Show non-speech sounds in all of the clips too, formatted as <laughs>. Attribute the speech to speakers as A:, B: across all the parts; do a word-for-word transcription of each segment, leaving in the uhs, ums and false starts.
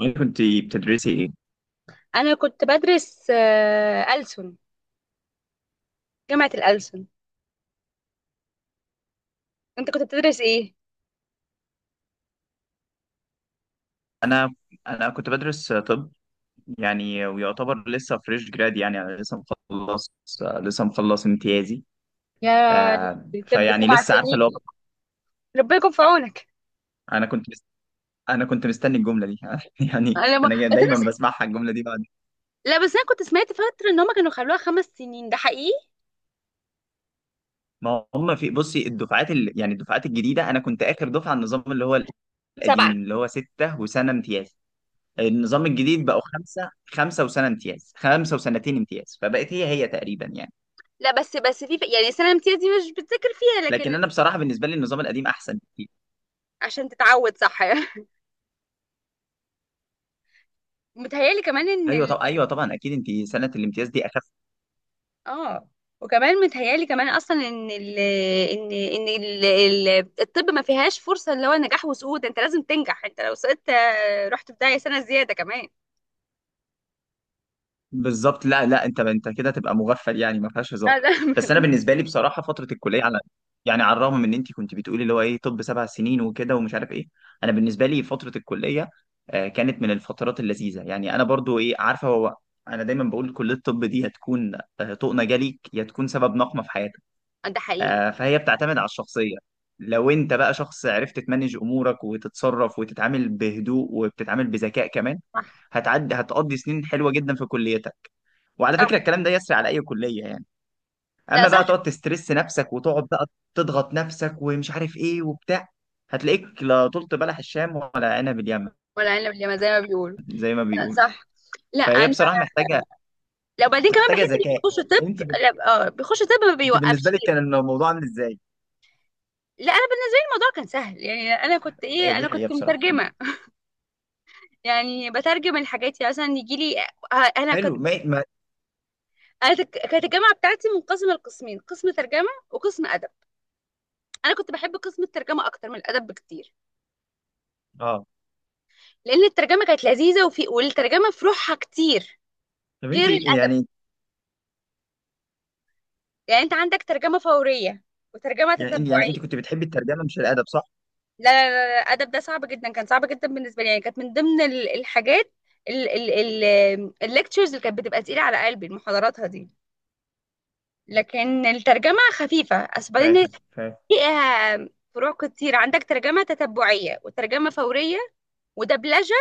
A: وانت كنت بتدرسي ايه؟
B: انا كنت بدرس آه، ألسن. جامعة الألسن. انت كنت بتدرس ايه؟
A: انا انا كنت بدرس طب، يعني ويعتبر لسه فريش جراد. يعني انا لسه مخلص لسه مخلص امتيازي.
B: يا
A: آه
B: لهوي، طب
A: فيعني
B: سبع
A: لسه عارفه اللي هو.
B: سنين ربنا يكون في عونك.
A: انا كنت مست... انا كنت مستني الجمله دي <laughs> يعني
B: انا ما...
A: انا جا-
B: بس انا
A: دايما
B: س...
A: بسمعها الجمله دي بعد.
B: لا بس انا كنت سمعت فترة ان هما كانوا خلوها خمس سنين. ده حقيقي؟
A: ما هم في بصي الدفعات ال... يعني الدفعات الجديده. انا كنت اخر دفعه على النظام اللي هو
B: سبعة.
A: القديم، اللي هو سته وسنه امتياز. النظام الجديد بقوا خمسه خمسه وسنه امتياز، خمسه وسنتين امتياز، فبقت هي هي تقريبا يعني.
B: لا، بس بس في ف- يعني السنة الامتياز دي مش بتذاكر فيها،
A: لكن
B: لكن...
A: انا بصراحه بالنسبه لي النظام القديم احسن بكتير.
B: عشان تتعود، صح. <laughs> متهيألي كمان ان...
A: ايوه، طب ايوه، طبعا اكيد انت سنه الامتياز دي اخف.
B: اه، وكمان متهيالي كمان اصلا ان ال ان ان ال ال- الطب ما فيهاش فرصه اللي هو نجاح وسقوط. انت لازم تنجح، انت لو سقطت آه، رحت في داهيه سنه زياده كمان.
A: بالظبط. لا، لا، انت انت كده تبقى مغفل، يعني ما فيهاش هزار.
B: آه، ده...
A: بس انا بالنسبه لي بصراحه فتره الكليه، على يعني على الرغم من ان انت كنت بتقولي اللي هو ايه طب سبع سنين وكده ومش عارف ايه، انا بالنسبه لي فتره الكليه آه، كانت من الفترات اللذيذه. يعني انا برضو ايه عارفه هو، انا دايما بقول كليه الطب دي هتكون آه، طوق نجا ليك يا تكون سبب نقمه في حياتك.
B: <laughs> ده حقيقي.
A: آه، فهي بتعتمد على الشخصية. لو انت بقى شخص عرفت تمانج امورك وتتصرف وتتعامل بهدوء وبتتعامل بذكاء كمان،
B: صح.
A: هتعدي هتقضي سنين حلوة جدا في كليتك. وعلى
B: صح.
A: فكرة الكلام ده يسري على اي كلية يعني.
B: لا
A: اما
B: صح.
A: بقى تقعد تسترس نفسك وتقعد بقى تضغط نفسك ومش عارف ايه وبتاع، هتلاقيك لا طلت بلح الشام ولا عنب اليمن،
B: ولا انا اللي زي ما بيقولوا.
A: زي ما
B: لا
A: بيقولوا.
B: صح. لا
A: فهي
B: انا،
A: بصراحة محتاجة،
B: لو بعدين كمان
A: محتاجة
B: بحس اللي
A: ذكاء.
B: بيخش طب.
A: انت بال-
B: لا اه، بيخش طب ما
A: انت بالنسبة
B: بيوقفش.
A: لك كان الموضوع عامل ازاي؟
B: لا انا، بين الموضوع كان سهل. يعني انا كنت
A: آه،
B: ايه،
A: دي
B: انا
A: حقيقة
B: كنت
A: بصراحة.
B: مترجمه. يعني بترجم الحاجات. يعني مثلا يجي لي، آه، انا كنت
A: حلو. ما ما
B: انا تك- كانت الجامعه بتاعتي منقسمه لقسمين: قسم ترجمه وقسم ادب. انا كنت بحب قسم الترجمه اكتر من الادب بكتير.
A: اه
B: لان الترجمه كانت لذيذه، وفي والترجمه في روحها كتير
A: طب
B: غير
A: انت
B: الادب.
A: يعني،
B: يعني انت عندك ترجمه فوريه وترجمه
A: يعني إن- يعني
B: تتبعيه.
A: انت كنت بتحبي الترجمه مش الادب، صح؟
B: لا لا لا لا، الادب ده صعب جدا، كان صعب جدا بالنسبه لي. يعني كانت من ضمن ال- الحاجات، الليكتشرز اللي كانت بتبقى تقيله على قلبي محاضراتها دي. لكن الترجمه خفيفه. بس بعدين
A: فاهم فاهم.
B: فيها فروع كتير: عندك ترجمه تتبعيه وترجمه فوريه ودبلجه،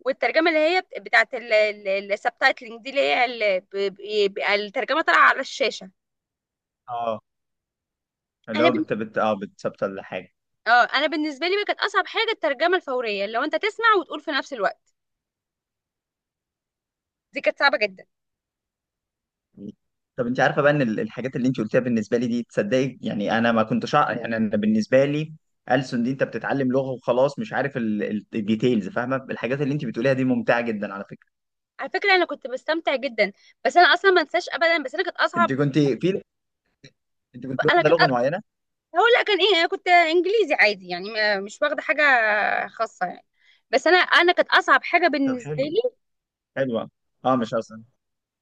B: والترجمه اللي هي بت- بتاعت السبتايتلنج دي، اللي هي ال- ب- بيبقى الترجمه طالعه على الشاشه.
A: اه، اللي
B: انا
A: هو
B: بن...
A: بت بت اه بتثبت ولا حاجه.
B: اه، انا بالنسبه لي بقى، كانت اصعب حاجه الترجمه الفوريه. لو انت تسمع وتقول في نفس الوقت، دي كانت صعبه جدا.
A: طب انت عارفه بقى ان ال- الحاجات اللي انت قلتيها بالنسبه لي دي، تصدقي يعني انا ما كنتش أع- يعني انا بالنسبه لي ألسن دي انت بتتعلم لغه وخلاص، مش عارف ال- ال- الديتيلز. فاهمه، الحاجات اللي انت بتقوليها دي ممتعه جدا على فكره.
B: على فكره انا كنت بستمتع جدا، بس انا اصلا ما انساش ابدا. بس انا كانت
A: انت
B: اصعب.
A: كنت في انت كنت
B: انا
A: واخده
B: كنت
A: لغه معينه؟
B: هقول لا كان ايه، انا كنت انجليزي عادي، يعني ما- مش واخده حاجه خاصه يعني. بس انا انا كانت اصعب حاجه
A: طب
B: بالنسبه
A: حلو،
B: لي.
A: حلوه. اه، مش اصلا.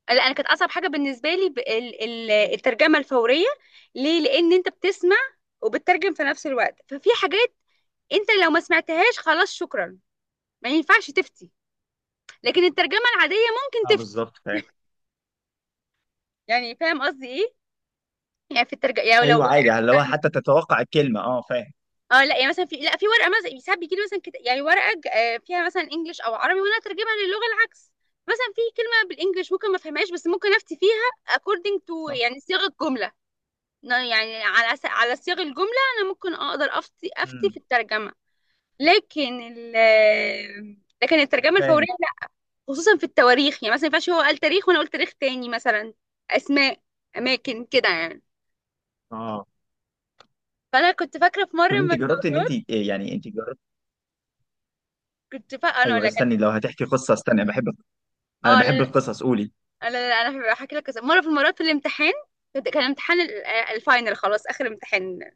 B: لا، انا كانت اصعب حاجه بالنسبه لي ب- ال- ال- الترجمه الفوريه. ليه؟ لان انت بتسمع وبتترجم في نفس الوقت. ففي حاجات انت لو ما سمعتهاش، خلاص شكرا، ما ينفعش تفتي. لكن الترجمه العاديه ممكن
A: اه
B: تفتي.
A: بالظبط، فاهم.
B: يعني فاهم قصدي ايه؟ يعني في الترجمه، يعني لو
A: ايوه عادي، اللي هو
B: ورقه،
A: حتى تتوقع الكلمه. اه فاهم.
B: اه لا يعني مثلا في... لا، في ورقه مثلا، ساعات بيجي لي مثلا كت... يعني ورقه ج- آه، فيها مثلا انجلش او عربي، وانا اترجمها للغه العكس. مثلا في كلمه بالانجلش ممكن ما افهمهاش، بس ممكن افتي فيها according to،
A: صح.
B: يعني صيغه جمله. ن- يعني على س- على صيغ الجملة. أنا ممكن أقدر أفتي، أفتي في
A: امم.
B: الترجمة. لكن ال لكن الترجمة الفورية
A: فاهم.
B: لا. خصوصا في التواريخ، يعني مثلا ما ينفعش هو قال تاريخ وأنا قلت تاريخ تاني. مثلا أسماء، أماكن كده يعني.
A: اه.
B: فأنا كنت فاكرة في مرة
A: طب انت
B: من
A: جربت ان انت
B: المرات.
A: إيه، يعني انت جربت؟
B: كنت فا أنا أقول
A: ايوه،
B: لك.
A: استني لو هتحكي قصه، استني، انا بحب انا
B: اه لا
A: بحب القصص، قولي.
B: لا لا، أنا هحكي لك قصة. مرة في المرات في الامتحان، كنت- كان امتحان ال- الفاينل، خلاص آخر امتحان.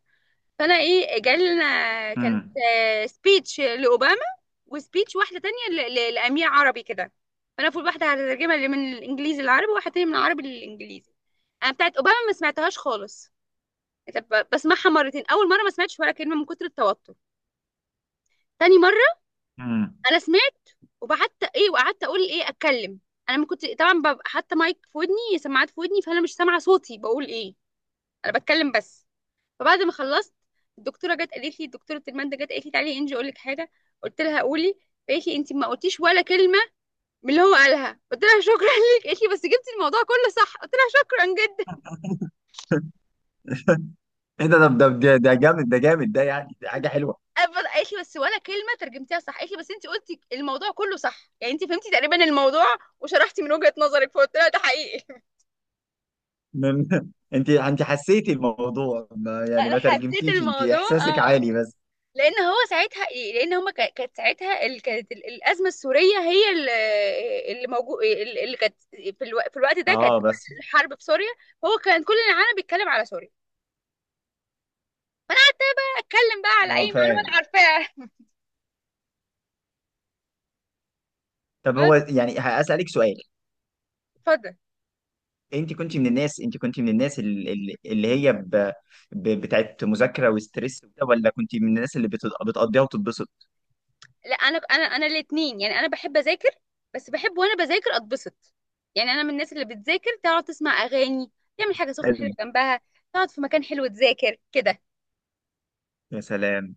B: فأنا إيه، جالنا كانت
A: امم.
B: سبيتش لأوباما، وسبيتش واحده تانية ل- ل- لامير عربي كده. فانا المفروض واحده هترجمها اللي من الانجليزي للعربي، وواحده تانية من العربي للانجليزي. انا بتاعت اوباما ما سمعتهاش خالص. طب بسمعها مرتين: اول مره ما سمعتش ولا كلمه من كتر التوتر. تاني مره
A: امم.
B: انا سمعت، وبعدت ايه وقعدت اقول، ايه، اتكلم. انا ما كنت طبعا ببقى حاطه مايك في ودني، سماعات في ودني، فانا مش سامعه صوتي بقول ايه. انا بتكلم بس. فبعد ما خلصت، الدكتوره جت قالت لي، دكتوره الماده جت قالت لي: تعالي انجي اقول لك حاجه. قلت لها: قولي. قالت لي: انت ما قلتيش ولا كلمه من اللي هو قالها. قلت لها: شكرا ليك. قالت لي: بس جبتي الموضوع كله صح. قلت لها: شكرا جدا.
A: ايه ده ده ده ده جامد ده، جامد ده، يعني دي حاجه حلوه.
B: أب- قالت لي: بس ولا كلمه ترجمتيها صح. قالت لي: بس انت قلتي الموضوع كله صح، يعني انت فهمتي تقريبا الموضوع وشرحتي من وجهه نظرك. فقلت لها: ده حقيقي.
A: من... <laughs> انت انت حسيتي الموضوع، ما
B: <laughs>
A: يعني
B: انا
A: ما
B: حسيت
A: ترجمتيش، انت
B: الموضوع.
A: احساسك
B: اه،
A: عالي بس.
B: لان هو ساعتها ايه، لان هما كا- كانت ساعتها ال- كانت ال- الازمه السوريه هي ال- اللي موجود، اللي كانت في الو- في الوقت ده، كانت
A: اه بس.
B: الحرب في سوريا. هو كان كل العالم بيتكلم على سوريا، فانا اتكلم بقى على اي
A: اه
B: معلومه انا
A: فاهم.
B: عارفاها. <laughs>
A: طب هو
B: بس.
A: يعني هسألك سؤال.
B: اتفضل.
A: انت كنت من الناس انت كنت من الناس ال- ال- اللي هي ب... ب... بتاعت مذاكره وستريس وكده، ولا كنت من الناس اللي بت... بتقضيها وتتبسط؟
B: لا، انا انا انا الاثنين، يعني انا بحب اذاكر، بس بحب وانا بذاكر اتبسط. يعني انا من الناس اللي بتذاكر، تقعد تسمع اغاني، تعمل حاجه سخنه حلوه
A: حلو.
B: جنبها، تقعد في مكان حلو تذاكر كده.
A: يا سلام،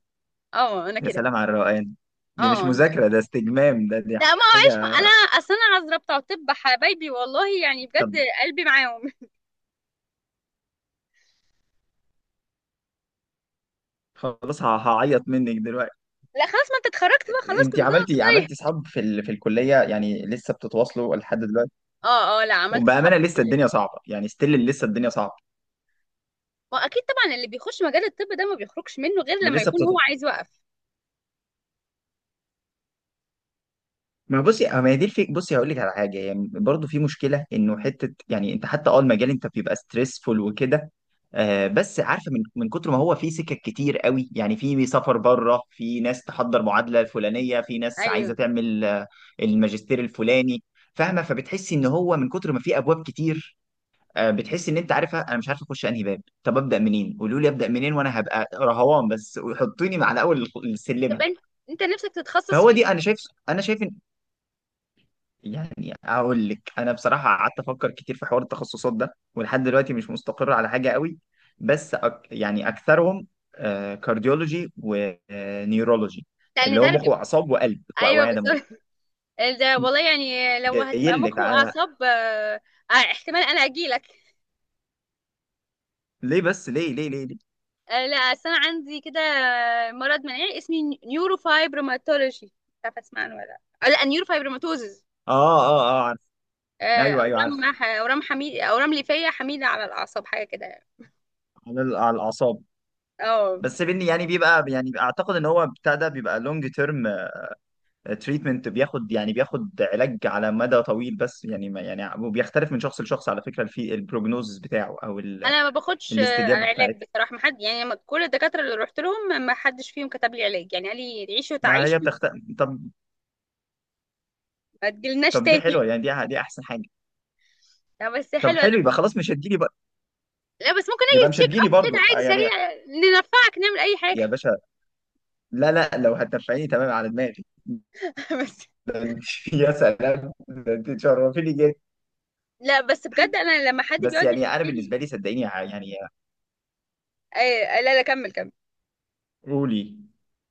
B: اه، انا
A: يا
B: كده.
A: سلام على الروقان. دي مش
B: اه انا...
A: مذاكرة، ده استجمام ده، دي
B: لا ما معيش، ما
A: حاجة.
B: انا اصل انا عذره بتوع طب حبايبي والله يعني بجد.
A: طب
B: قلبي معاهم.
A: خلاص، ه- هعيط منك دلوقتي.
B: <laughs> لا خلاص، ما انت اتخرجت بقى، خلاص، كل
A: انت
B: سنه وانت
A: عملتي عملتي
B: طيب.
A: صحاب في ال... في الكلية، يعني لسه بتتواصلوا لحد دلوقتي؟
B: اه اه، لا عملت اصحاب
A: وبأمانة
B: في
A: لسه
B: الكليه.
A: الدنيا صعبة، يعني ستيل لسه الدنيا صعبة،
B: واكيد طبعا اللي بيخش مجال الطب ده ما بيخرجش منه غير لما
A: ولسه
B: يكون هو
A: بتتواصلوا؟
B: عايز يوقف.
A: ما بصي، آه ما هي دي الفكرة، بصي هقول لك على حاجة. يعني برضه في مشكلة انه حتة، يعني انت حتى اه المجال، انت بيبقى ستريسفول وكده. آه، بس عارفه، من من كتر ما هو في سكك كتير قوي، يعني في سفر بره، في ناس تحضر معادله الفلانيه، في ناس عايزه
B: ايوه،
A: تعمل آه، الماجستير الفلاني. فاهمه، فبتحسي ان هو من كتر ما في ابواب كتير، آه، بتحسي ان انت، عارفه، انا مش عارفه اخش انهي باب، طب ابدا منين، قولوا لي ابدا منين وانا هبقى رهوان بس وحطوني على اول الخ-
B: طب
A: السلمه.
B: انت انت نفسك تتخصص
A: فهو
B: في
A: دي انا
B: ايه؟
A: شايف، انا شايف يعني اقول لك انا بصراحه قعدت افكر كتير في حوار التخصصات ده ولحد دلوقتي مش مستقر على حاجه قوي. بس أك يعني اكثرهم كارديولوجي ونيورولوجي،
B: لان
A: اللي هو مخ
B: ترجمه.
A: واعصاب وقلب
B: ايوه
A: واوعيه
B: بالظبط.
A: دمويه.
B: ده والله يعني لو
A: جاي
B: هتبقى
A: لك
B: مخ
A: على،
B: واعصاب، آه، آه، احتمال انا اجيلك.
A: ليه بس؟ ليه ليه ليه ليه؟
B: آه، لا أصل انا عندي كده مرض مناعي اسمه نيورو فايبروماتولوجي، مش عارفه اسمع عنه ولا لا. آه، لا، نيورو فايبروماتوزز:
A: اه، اه، اه، عارف. ايوه، ايوه، عارف.
B: اورام ح- اورام حميد، اورام ليفيه حميده على الاعصاب، حاجه كده يعني.
A: على ال- على الاعصاب.
B: اه،
A: بس بني يعني بيبقى، يعني اعتقد ان هو بتاع ده بيبقى لونج تيرم تريتمنت، بياخد يعني بياخد علاج على مدى طويل. بس يعني، ما يعني وبيختلف من شخص لشخص على فكرة في البروجنوزس بتاعه او ال-
B: انا ما باخدش آه،
A: الاستجابة بتاعته.
B: علاج بصراحه. ما حد يعني ما- كل الدكاتره اللي رحت لهم ما حدش فيهم كتب لي علاج، يعني قال لي: تعيشي
A: ما هي
B: وتعيشي،
A: بتخت طب
B: ما تجيلناش
A: طب دي
B: تاني.
A: حلوة، يعني دي دي احسن حاجة.
B: لا بس
A: طب
B: حلو.
A: حلو، يبقى خلاص مش هتجيلي بقى.
B: لا بس ممكن اجي
A: يبقى مش
B: تشيك
A: هتجيلي
B: اب كده
A: برضو آه
B: عادي
A: يعني.
B: سريع، ننفعك نعمل اي حاجه.
A: يا باشا، لا لا، لو هتنفعيني تمام على دماغي.
B: <laughs> بس.
A: <laughs> يا سلام، ده انت تشرفيني جدا.
B: لا بس بجد انا لما حد
A: بس
B: بيقعد
A: يعني انا
B: يحكي لي...
A: بالنسبة لي صدقيني، ع- يعني
B: أي... لا لا، كمل كمل.
A: قولي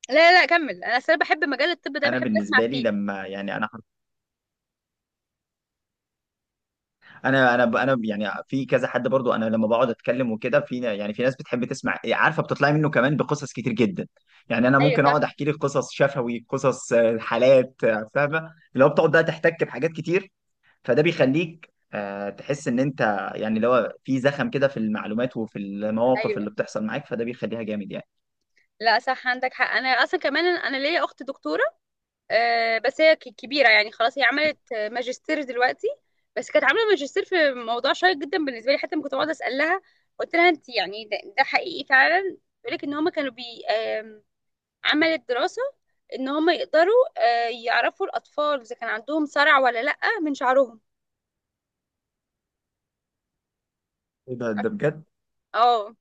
B: لا لا لا، كمل. انا اصلا بحب مجال الطب ده،
A: انا
B: بحب اسمع
A: بالنسبة لي
B: فيه.
A: لما يعني انا انا انا ب- انا يعني في كذا حد برضو، انا لما بقعد اتكلم وكده، في نا- يعني في ناس بتحب تسمع إيه، عارفه بتطلع منه كمان بقصص كتير جدا. يعني انا
B: ايوه
A: ممكن
B: صح.
A: اقعد احكي لك قصص شفوي، قصص آه، حالات، آه، فاهمه، لو بتقعد بقى تحتك بحاجات كتير، فده بيخليك آه، تحس ان انت، يعني اللي هو في زخم كده في المعلومات وفي المواقف اللي
B: ايوه.
A: بتحصل معاك، فده بيخليها جامد يعني.
B: لا صح، عندك حق. انا اصلا كمان، انا ليا اخت دكتوره. آه بس هي ك- كبيره يعني خلاص، هي عملت آه، ماجستير دلوقتي. بس كانت عامله ماجستير في موضوع شيق جدا بالنسبه لي. حتى لما كنت بقعد اسالها، قلت لها: انت يعني ده, ده حقيقي فعلا؟ بيقول لك ان هم كانوا بي عملت دراسة ان هم يقدروا آه، يعرفوا الاطفال اذا كان عندهم صرع ولا لا من شعرهم.
A: إيه ده، ده بجد؟
B: اه،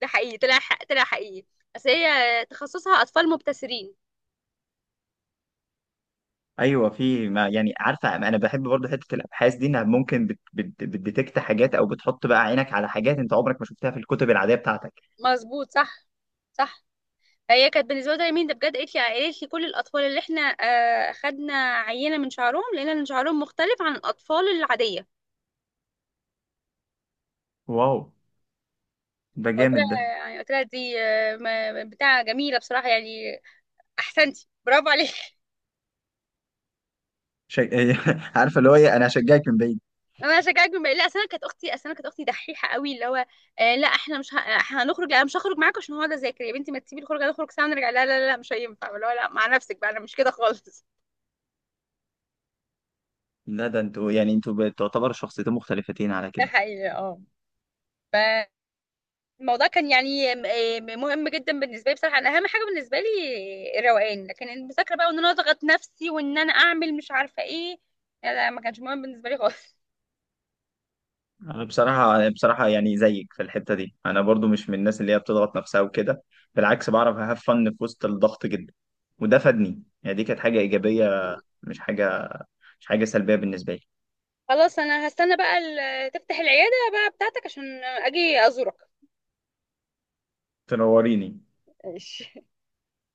B: ده حقيقي، طلع حق، طلع حقيقي. بس هي تخصصها اطفال مبتسرين.
A: ايوه، في ما يعني، عارفه، انا بحب برضه حته الابحاث دي، انها ممكن بت بت بتديتكت حاجات، او بتحط بقى عينك على حاجات انت عمرك ما شفتها في الكتب العاديه بتاعتك.
B: مظبوط. صح. صح. هي كانت بالنسبه لي مين ده بجد! قالت لي قالت لي: كل الاطفال اللي احنا آه، خدنا عينه من شعرهم، لقينا ان شعرهم مختلف عن الاطفال العاديه.
A: واو، ده
B: قلت
A: جامد ده.
B: لها يعني، قلت لها: دي آه، ما- بتاع جميله بصراحه يعني، احسنتي، برافو عليك.
A: شج... <laughs> عارفه اللي هو ايه، انا هشجعك من بعيد.
B: انا هشجعك بما... لا اصل انا كانت اختي، اصل انا كانت اختي دحيحه قوي اللي هو: آه لا احنا مش ه... هنخرج، لا أنا مش هخرج معاك عشان هقعد اذاكر، يا بنتي ما تسيبي الخروجه نخرج سوا ونرجع، لا لا لا مش هينفع اللي هو، لا مع نفسك بقى، انا مش كده خالص.
A: لا، ده انتوا يعني انتوا بتعتبر شخصيتين مختلفتين على
B: <laughs> ده
A: كده.
B: حقيقي. اه، الموضوع كان يعني م- آه، مهم جدا بالنسبه لي بصراحه. انا اهم حاجه بالنسبه لي الروقان، لكن المذاكره بقى، وان انا اضغط نفسي وان انا اعمل مش عارفه ايه، لا لا، ما كانش مهم بالنسبه لي خالص.
A: انا بصراحه، أنا بصراحه يعني زيك في الحته دي، انا برضو مش من الناس اللي هي بتضغط نفسها وكده. بالعكس بعرف هاف فن في وسط الضغط جدا، وده فادني يعني دي كانت حاجه ايجابيه.
B: <laughs>
A: مش حاجه، مش حاجه سلبيه بالنسبه لي.
B: خلاص، انا هستنى بقى ال- تفتح العياده بقى بتاعتك عشان اجي ازورك.
A: تنوريني.
B: ماشي.